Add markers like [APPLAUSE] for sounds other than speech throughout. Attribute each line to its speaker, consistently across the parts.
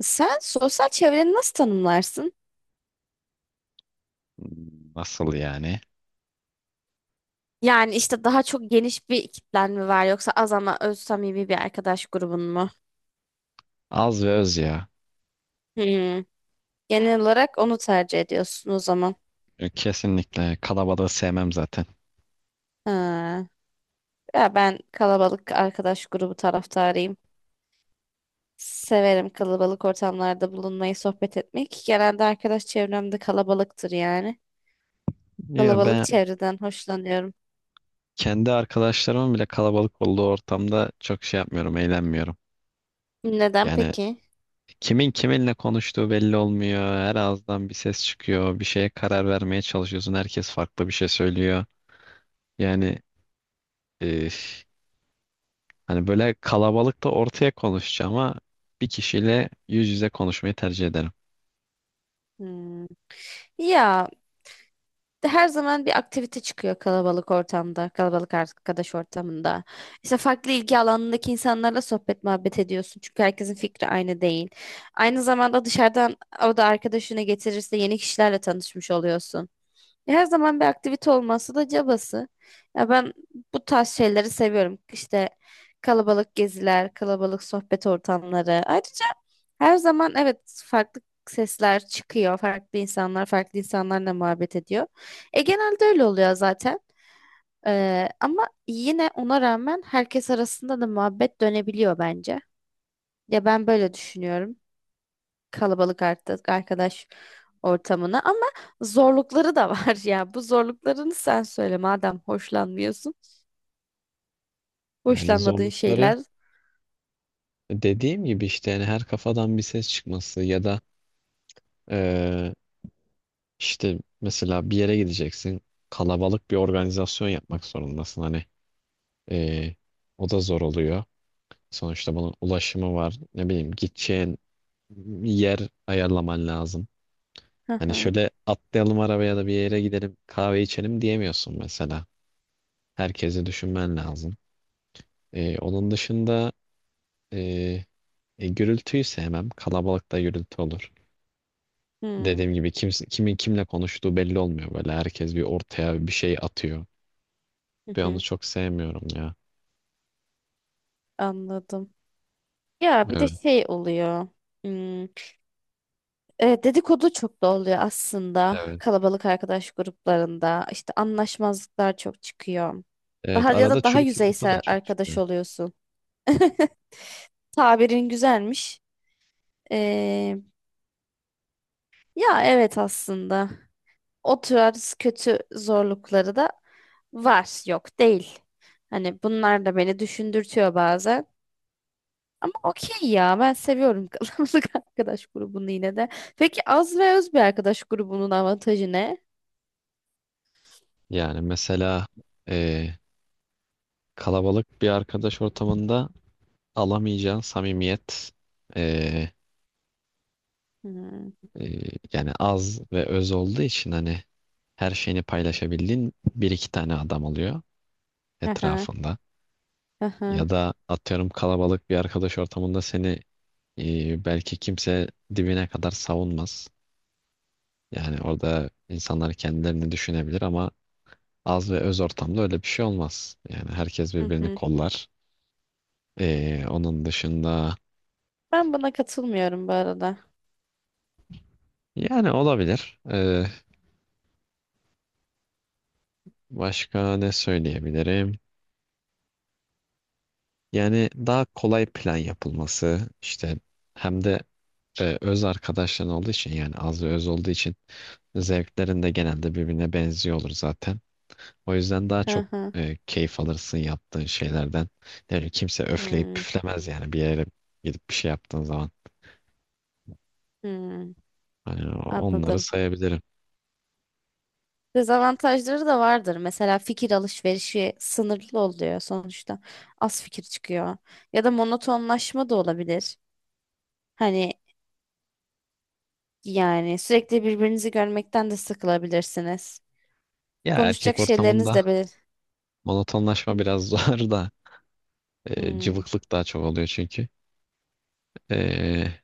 Speaker 1: Sen sosyal çevreni nasıl tanımlarsın?
Speaker 2: Nasıl yani?
Speaker 1: Yani işte daha çok geniş bir kitlen mi var yoksa az ama öz samimi bir arkadaş grubun mu?
Speaker 2: Az ve öz ya.
Speaker 1: Hmm. Genel olarak onu tercih ediyorsun o zaman.
Speaker 2: Kesinlikle kalabalığı sevmem zaten.
Speaker 1: Ha. Ya ben kalabalık arkadaş grubu taraftarıyım. Severim kalabalık ortamlarda bulunmayı, sohbet etmek. Genelde arkadaş çevrem de kalabalıktır yani.
Speaker 2: Ya
Speaker 1: Kalabalık
Speaker 2: ben
Speaker 1: çevreden hoşlanıyorum.
Speaker 2: kendi arkadaşlarımın bile kalabalık olduğu ortamda çok şey yapmıyorum, eğlenmiyorum.
Speaker 1: Neden
Speaker 2: Yani
Speaker 1: peki?
Speaker 2: kimin kiminle konuştuğu belli olmuyor. Her ağızdan bir ses çıkıyor. Bir şeye karar vermeye çalışıyorsun. Herkes farklı bir şey söylüyor. Yani e, hani böyle kalabalıkta ortaya konuşacağım ama bir kişiyle yüz yüze konuşmayı tercih ederim.
Speaker 1: Hmm. Ya her zaman bir aktivite çıkıyor kalabalık ortamda, kalabalık arkadaş ortamında. İşte farklı ilgi alanındaki insanlarla sohbet muhabbet ediyorsun. Çünkü herkesin fikri aynı değil. Aynı zamanda dışarıdan o da arkadaşını getirirse yeni kişilerle tanışmış oluyorsun. Her zaman bir aktivite olması da cabası. Ya ben bu tarz şeyleri seviyorum. İşte kalabalık geziler, kalabalık sohbet ortamları. Ayrıca her zaman evet farklı sesler çıkıyor. Farklı insanlar, farklı insanlarla muhabbet ediyor. E genelde öyle oluyor zaten. Ama yine ona rağmen herkes arasında da muhabbet dönebiliyor bence. Ya ben böyle düşünüyorum kalabalık artık arkadaş ortamına ama zorlukları da var [LAUGHS] ya. Bu zorluklarını sen söyle madem hoşlanmıyorsun.
Speaker 2: Yani
Speaker 1: Hoşlanmadığın
Speaker 2: zorlukları,
Speaker 1: şeyler. [LAUGHS]
Speaker 2: dediğim gibi işte yani, her kafadan bir ses çıkması ya da eee, işte mesela bir yere gideceksin, kalabalık bir organizasyon yapmak zorundasın hani, eee, o da zor oluyor. Sonuçta bunun ulaşımı var, ne bileyim gideceğin yer ayarlaman lazım.
Speaker 1: Hı
Speaker 2: Hani
Speaker 1: hı.
Speaker 2: şöyle atlayalım arabaya da bir yere gidelim kahve içelim diyemiyorsun mesela. Herkesi düşünmen lazım. Onun dışında, eee gürültüyü sevmem, kalabalıkta gürültü olur.
Speaker 1: Hmm,
Speaker 2: Dediğim gibi kimse, kimin kimle konuştuğu belli olmuyor böyle. Herkes bir ortaya bir şey atıyor.
Speaker 1: hı
Speaker 2: Ve onu
Speaker 1: hı.
Speaker 2: çok sevmiyorum ya.
Speaker 1: Anladım. Ya bir de
Speaker 2: Evet,
Speaker 1: şey oluyor. Hmm, e, dedikodu çok da oluyor aslında.
Speaker 2: evet.
Speaker 1: Kalabalık arkadaş gruplarında işte anlaşmazlıklar çok çıkıyor. Daha
Speaker 2: Evet,
Speaker 1: ya
Speaker 2: arada
Speaker 1: da daha
Speaker 2: çürük yumurta da
Speaker 1: yüzeysel
Speaker 2: çok
Speaker 1: arkadaş
Speaker 2: çıkıyor.
Speaker 1: oluyorsun. [LAUGHS] Tabirin güzelmiş. Ee, ya evet aslında. O tarz kötü zorlukları da var. Yok değil. Hani bunlar da beni düşündürtüyor bazen. Ama okey ya ben seviyorum [LAUGHS] kalabalık arkadaş grubunu yine de. Peki az ve öz bir arkadaş grubunun avantajı ne?
Speaker 2: Yani mesela eee, kalabalık bir arkadaş ortamında alamayacağın samimiyet, eee,
Speaker 1: Hmm.
Speaker 2: yani az ve öz olduğu için, hani her şeyini paylaşabildiğin bir iki tane adam oluyor
Speaker 1: Aha,
Speaker 2: etrafında.
Speaker 1: aha,
Speaker 2: Ya da atıyorum, kalabalık bir arkadaş ortamında seni belki kimse dibine kadar savunmaz. Yani orada insanlar kendilerini düşünebilir, ama az ve öz ortamda öyle bir şey olmaz. Yani herkes
Speaker 1: hı hı. Hı
Speaker 2: birbirini
Speaker 1: hı.
Speaker 2: kollar. Onun dışında,
Speaker 1: Ben buna katılmıyorum bu arada.
Speaker 2: yani olabilir. Başka ne söyleyebilirim? Yani daha kolay plan yapılması işte, hem de öz arkadaşların olduğu için, yani az ve öz olduğu için zevklerin de genelde birbirine benziyor olur zaten. O yüzden daha çok
Speaker 1: Aha,
Speaker 2: keyif alırsın yaptığın şeylerden. Yani kimse öfleyip
Speaker 1: hmm,
Speaker 2: püflemez yani, bir yere gidip bir şey yaptığın zaman.
Speaker 1: hmm.
Speaker 2: Hani onları
Speaker 1: Anladım.
Speaker 2: sayabilirim.
Speaker 1: Dezavantajları da vardır. Mesela fikir alışverişi sınırlı oluyor sonuçta. Az fikir çıkıyor. Ya da monotonlaşma da olabilir. Hani yani sürekli birbirinizi görmekten de sıkılabilirsiniz.
Speaker 2: Ya erkek
Speaker 1: Konuşacak şeyleriniz
Speaker 2: ortamında
Speaker 1: de belir.
Speaker 2: monotonlaşma biraz [LAUGHS] zor da,
Speaker 1: Hmm,
Speaker 2: cıvıklık daha çok oluyor çünkü. E,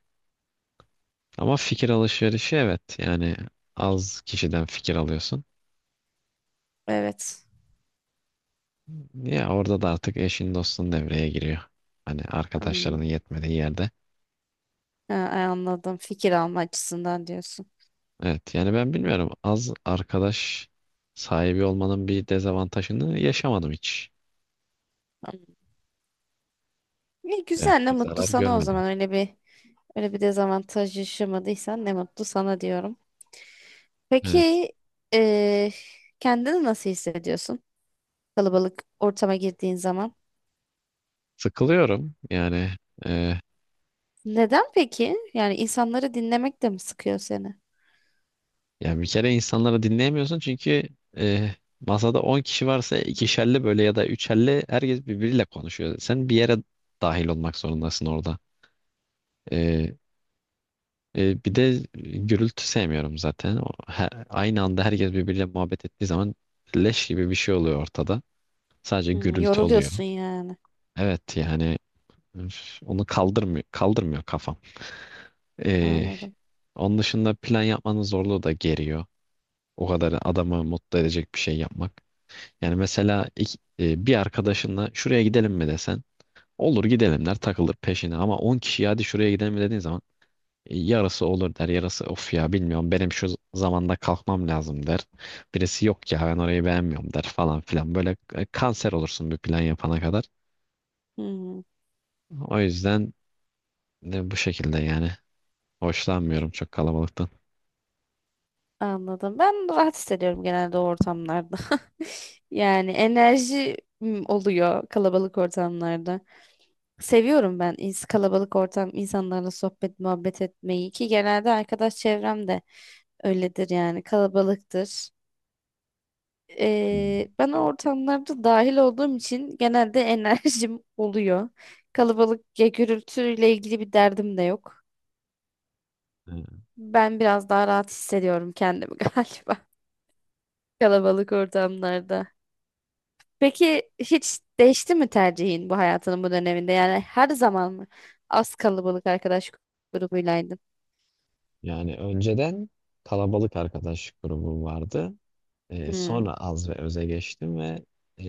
Speaker 2: ama fikir alışverişi, evet yani az kişiden fikir alıyorsun.
Speaker 1: evet.
Speaker 2: Ya orada da artık eşin dostun devreye giriyor. Hani
Speaker 1: Hmm,
Speaker 2: arkadaşlarının yetmediği yerde.
Speaker 1: ha, ay, anladım. Fikir alma açısından diyorsun.
Speaker 2: Evet yani, ben bilmiyorum, az arkadaş sahibi olmanın bir dezavantajını yaşamadım hiç.
Speaker 1: Hmm. İyi,
Speaker 2: Evet,
Speaker 1: güzel ne
Speaker 2: bir
Speaker 1: mutlu
Speaker 2: zarar
Speaker 1: sana o
Speaker 2: görmedim.
Speaker 1: zaman. Öyle bir öyle bir dezavantaj yaşamadıysan ne mutlu sana diyorum.
Speaker 2: Evet,
Speaker 1: Peki eee kendini nasıl hissediyorsun? Kalabalık ortama girdiğin zaman.
Speaker 2: sıkılıyorum yani. e,
Speaker 1: Neden peki? Yani insanları dinlemek de mi sıkıyor seni?
Speaker 2: Yani bir kere insanları dinleyemiyorsun çünkü e, masada 10 kişi varsa, ikişerli böyle ya da üçerli, herkes birbiriyle konuşuyor. Sen bir yere dahil olmak zorundasın orada. E, bir de gürültü sevmiyorum zaten. Aynı anda herkes birbiriyle muhabbet ettiği zaman, leş gibi bir şey oluyor ortada. Sadece
Speaker 1: Hmm,
Speaker 2: gürültü oluyor.
Speaker 1: yoruluyorsun yani.
Speaker 2: Evet yani, üf, onu kaldırmıyor kafam. Ee,
Speaker 1: Anladım.
Speaker 2: onun dışında, plan yapmanın zorluğu da geriyor. O kadar adamı mutlu edecek bir şey yapmak. Yani mesela bir arkadaşınla şuraya gidelim mi desen, olur gidelim der takılır peşine, ama 10 kişi hadi şuraya gidelim mi dediğin zaman, yarısı olur der, yarısı of ya bilmiyorum benim şu zamanda kalkmam lazım der. Birisi yok ya ben orayı beğenmiyorum der falan filan, böyle kanser olursun bir plan yapana kadar.
Speaker 1: Hmm,
Speaker 2: O yüzden bu şekilde yani. Hoşlanmıyorum çok kalabalıktan.
Speaker 1: anladım. Ben rahat hissediyorum genelde o ortamlarda. [LAUGHS] Yani enerji oluyor kalabalık ortamlarda. Seviyorum ben kalabalık ortam insanlarla sohbet muhabbet etmeyi ki genelde arkadaş çevrem de öyledir yani kalabalıktır.
Speaker 2: Hmm.
Speaker 1: Ben ortamlarda dahil olduğum için genelde [LAUGHS] enerjim oluyor. Kalabalık ya gürültüyle ilgili bir derdim de yok.
Speaker 2: Ee,
Speaker 1: Ben biraz daha rahat hissediyorum kendimi [LAUGHS] galiba kalabalık ortamlarda. Peki hiç değişti mi tercihin bu hayatının bu döneminde? Yani her zaman mı az kalabalık arkadaş grubuylaydın?
Speaker 2: Yani önceden kalabalık arkadaş grubum vardı. Ee,
Speaker 1: Hmm.
Speaker 2: sonra az ve öze geçtim ve, e,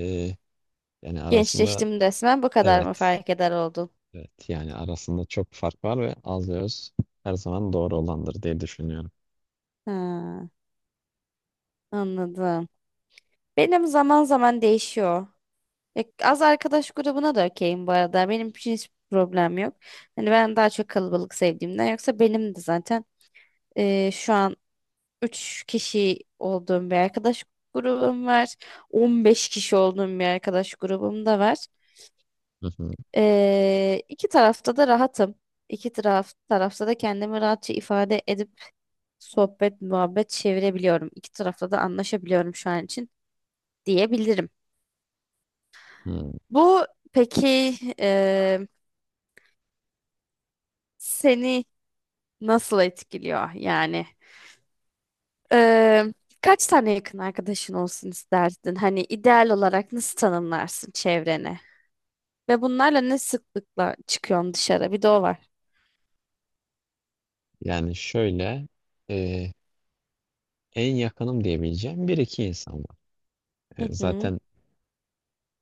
Speaker 2: yani arasında,
Speaker 1: Gençleştim desem bu kadar mı
Speaker 2: evet,
Speaker 1: fark eder oldun?
Speaker 2: evet yani arasında çok fark var ve az ve öz her zaman doğru olandır diye düşünüyorum.
Speaker 1: Ha, anladım. Benim zaman zaman değişiyor. Ya az arkadaş grubuna da okeyim bu arada. Benim için hiç problem yok. Hani ben daha çok kalabalık sevdiğimden yoksa benim de zaten e, şu an 3 kişi olduğum bir arkadaş grubum var. 15 kişi olduğum bir arkadaş grubum da var.
Speaker 2: Hı hı.
Speaker 1: E, iki tarafta da rahatım. İki taraf, tarafta da kendimi rahatça ifade edip sohbet, muhabbet çevirebiliyorum. İki tarafta da anlaşabiliyorum şu an için diyebilirim.
Speaker 2: Hmm.
Speaker 1: Bu peki e, seni nasıl etkiliyor yani? Ee, kaç tane yakın arkadaşın olsun isterdin? Hani ideal olarak nasıl tanımlarsın çevreni? Ve bunlarla ne sıklıkla çıkıyorsun dışarı? Bir de o var.
Speaker 2: Yani şöyle, e, en yakınım diyebileceğim bir iki insan var. E,
Speaker 1: Hı hı.
Speaker 2: zaten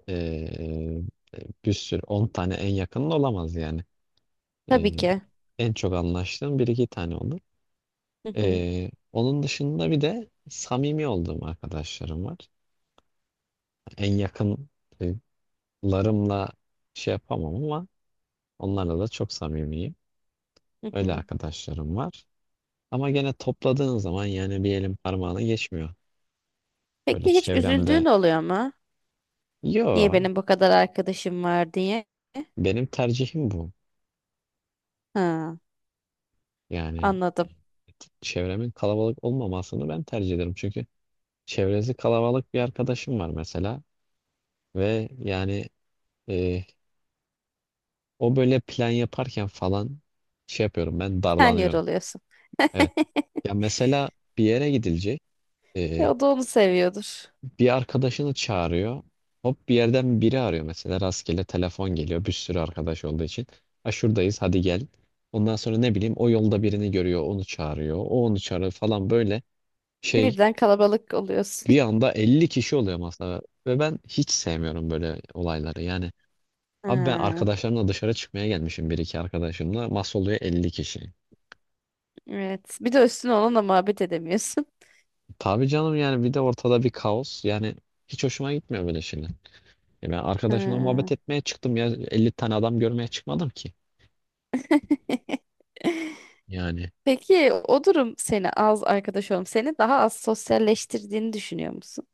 Speaker 2: e, bir sürü 10 tane en yakının olamaz yani.
Speaker 1: Tabii
Speaker 2: E,
Speaker 1: ki.
Speaker 2: En çok anlaştığım bir iki tane olur.
Speaker 1: Hı hı.
Speaker 2: Onun dışında bir de samimi olduğum arkadaşlarım var. En yakınlarımla şey yapamam ama onlarla da çok samimiyim.
Speaker 1: Hı
Speaker 2: Öyle
Speaker 1: hı.
Speaker 2: arkadaşlarım var. Ama gene topladığın zaman yani bir elin parmağını geçmiyor. Böyle
Speaker 1: Peki hiç üzüldüğün
Speaker 2: çevremde.
Speaker 1: oluyor mu? Niye
Speaker 2: Yo,
Speaker 1: benim bu kadar arkadaşım var diye?
Speaker 2: benim tercihim bu.
Speaker 1: Ha,
Speaker 2: Yani e,
Speaker 1: anladım.
Speaker 2: çevremin kalabalık olmamasını ben tercih ederim. Çünkü çevresi kalabalık bir arkadaşım var mesela, ve yani e, o böyle plan yaparken falan, şey yapıyorum, ben
Speaker 1: Sen
Speaker 2: darlanıyorum.
Speaker 1: yoruluyorsun.
Speaker 2: Evet. Ya mesela bir yere gidilecek.
Speaker 1: Ya
Speaker 2: e,
Speaker 1: o da onu seviyordur.
Speaker 2: bir arkadaşını çağırıyor. Hop bir yerden biri arıyor mesela, rastgele telefon geliyor bir sürü arkadaş olduğu için. Ha, şuradayız hadi gel. Ondan sonra ne bileyim o yolda birini görüyor onu çağırıyor. O onu çağırıyor falan, böyle şey,
Speaker 1: Birden kalabalık oluyorsun.
Speaker 2: bir
Speaker 1: [LAUGHS]
Speaker 2: anda 50 kişi oluyor masada. Ve ben hiç sevmiyorum böyle olayları yani. Abi ben
Speaker 1: Ha,
Speaker 2: arkadaşlarımla dışarı çıkmaya gelmişim, bir iki arkadaşımla. Masa oluyor 50 kişi.
Speaker 1: evet. Bir de üstüne onunla muhabbet edemiyorsun.
Speaker 2: Tabii canım yani, bir de ortada bir kaos. Yani hiç hoşuma gitmiyor böyle şeyler. Ben arkadaşımla
Speaker 1: Ha.
Speaker 2: muhabbet etmeye çıktım ya, 50 tane adam görmeye çıkmadım ki.
Speaker 1: [LAUGHS]
Speaker 2: Yani
Speaker 1: Peki o durum seni az arkadaş seni daha az sosyalleştirdiğini düşünüyor musun?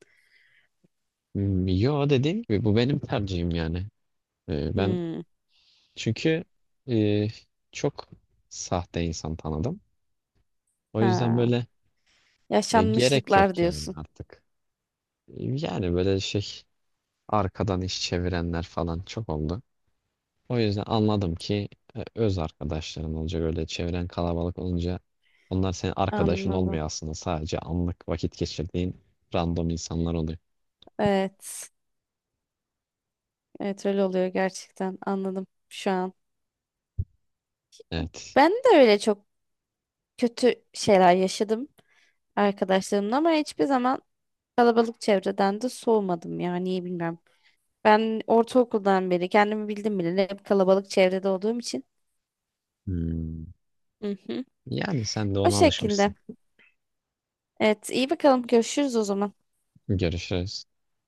Speaker 2: yo, dediğim gibi bu benim tercihim yani. Ben
Speaker 1: Hmm.
Speaker 2: çünkü e, çok sahte insan tanıdım. O yüzden
Speaker 1: Ha.
Speaker 2: böyle gerek
Speaker 1: Yaşanmışlıklar
Speaker 2: yok yani
Speaker 1: diyorsun.
Speaker 2: artık. Yani böyle şey, arkadan iş çevirenler falan çok oldu. O yüzden anladım ki, öz arkadaşların olacak, öyle çevren kalabalık olunca onlar senin arkadaşın
Speaker 1: Anladım.
Speaker 2: olmuyor aslında, sadece anlık vakit geçirdiğin random insanlar oluyor.
Speaker 1: Evet. Evet öyle oluyor gerçekten. Anladım şu an.
Speaker 2: Evet.
Speaker 1: Ben de öyle çok kötü şeyler yaşadım arkadaşlarımla ama hiçbir zaman kalabalık çevreden de soğumadım ya. Niye bilmiyorum. Ben ortaokuldan beri kendimi bildim bile hep kalabalık çevrede olduğum için.
Speaker 2: Hmm.
Speaker 1: Hı hı.
Speaker 2: Yani sen de
Speaker 1: O
Speaker 2: ona alışmışsın.
Speaker 1: şekilde. Evet, iyi bakalım. Görüşürüz o zaman.
Speaker 2: Görüşürüz.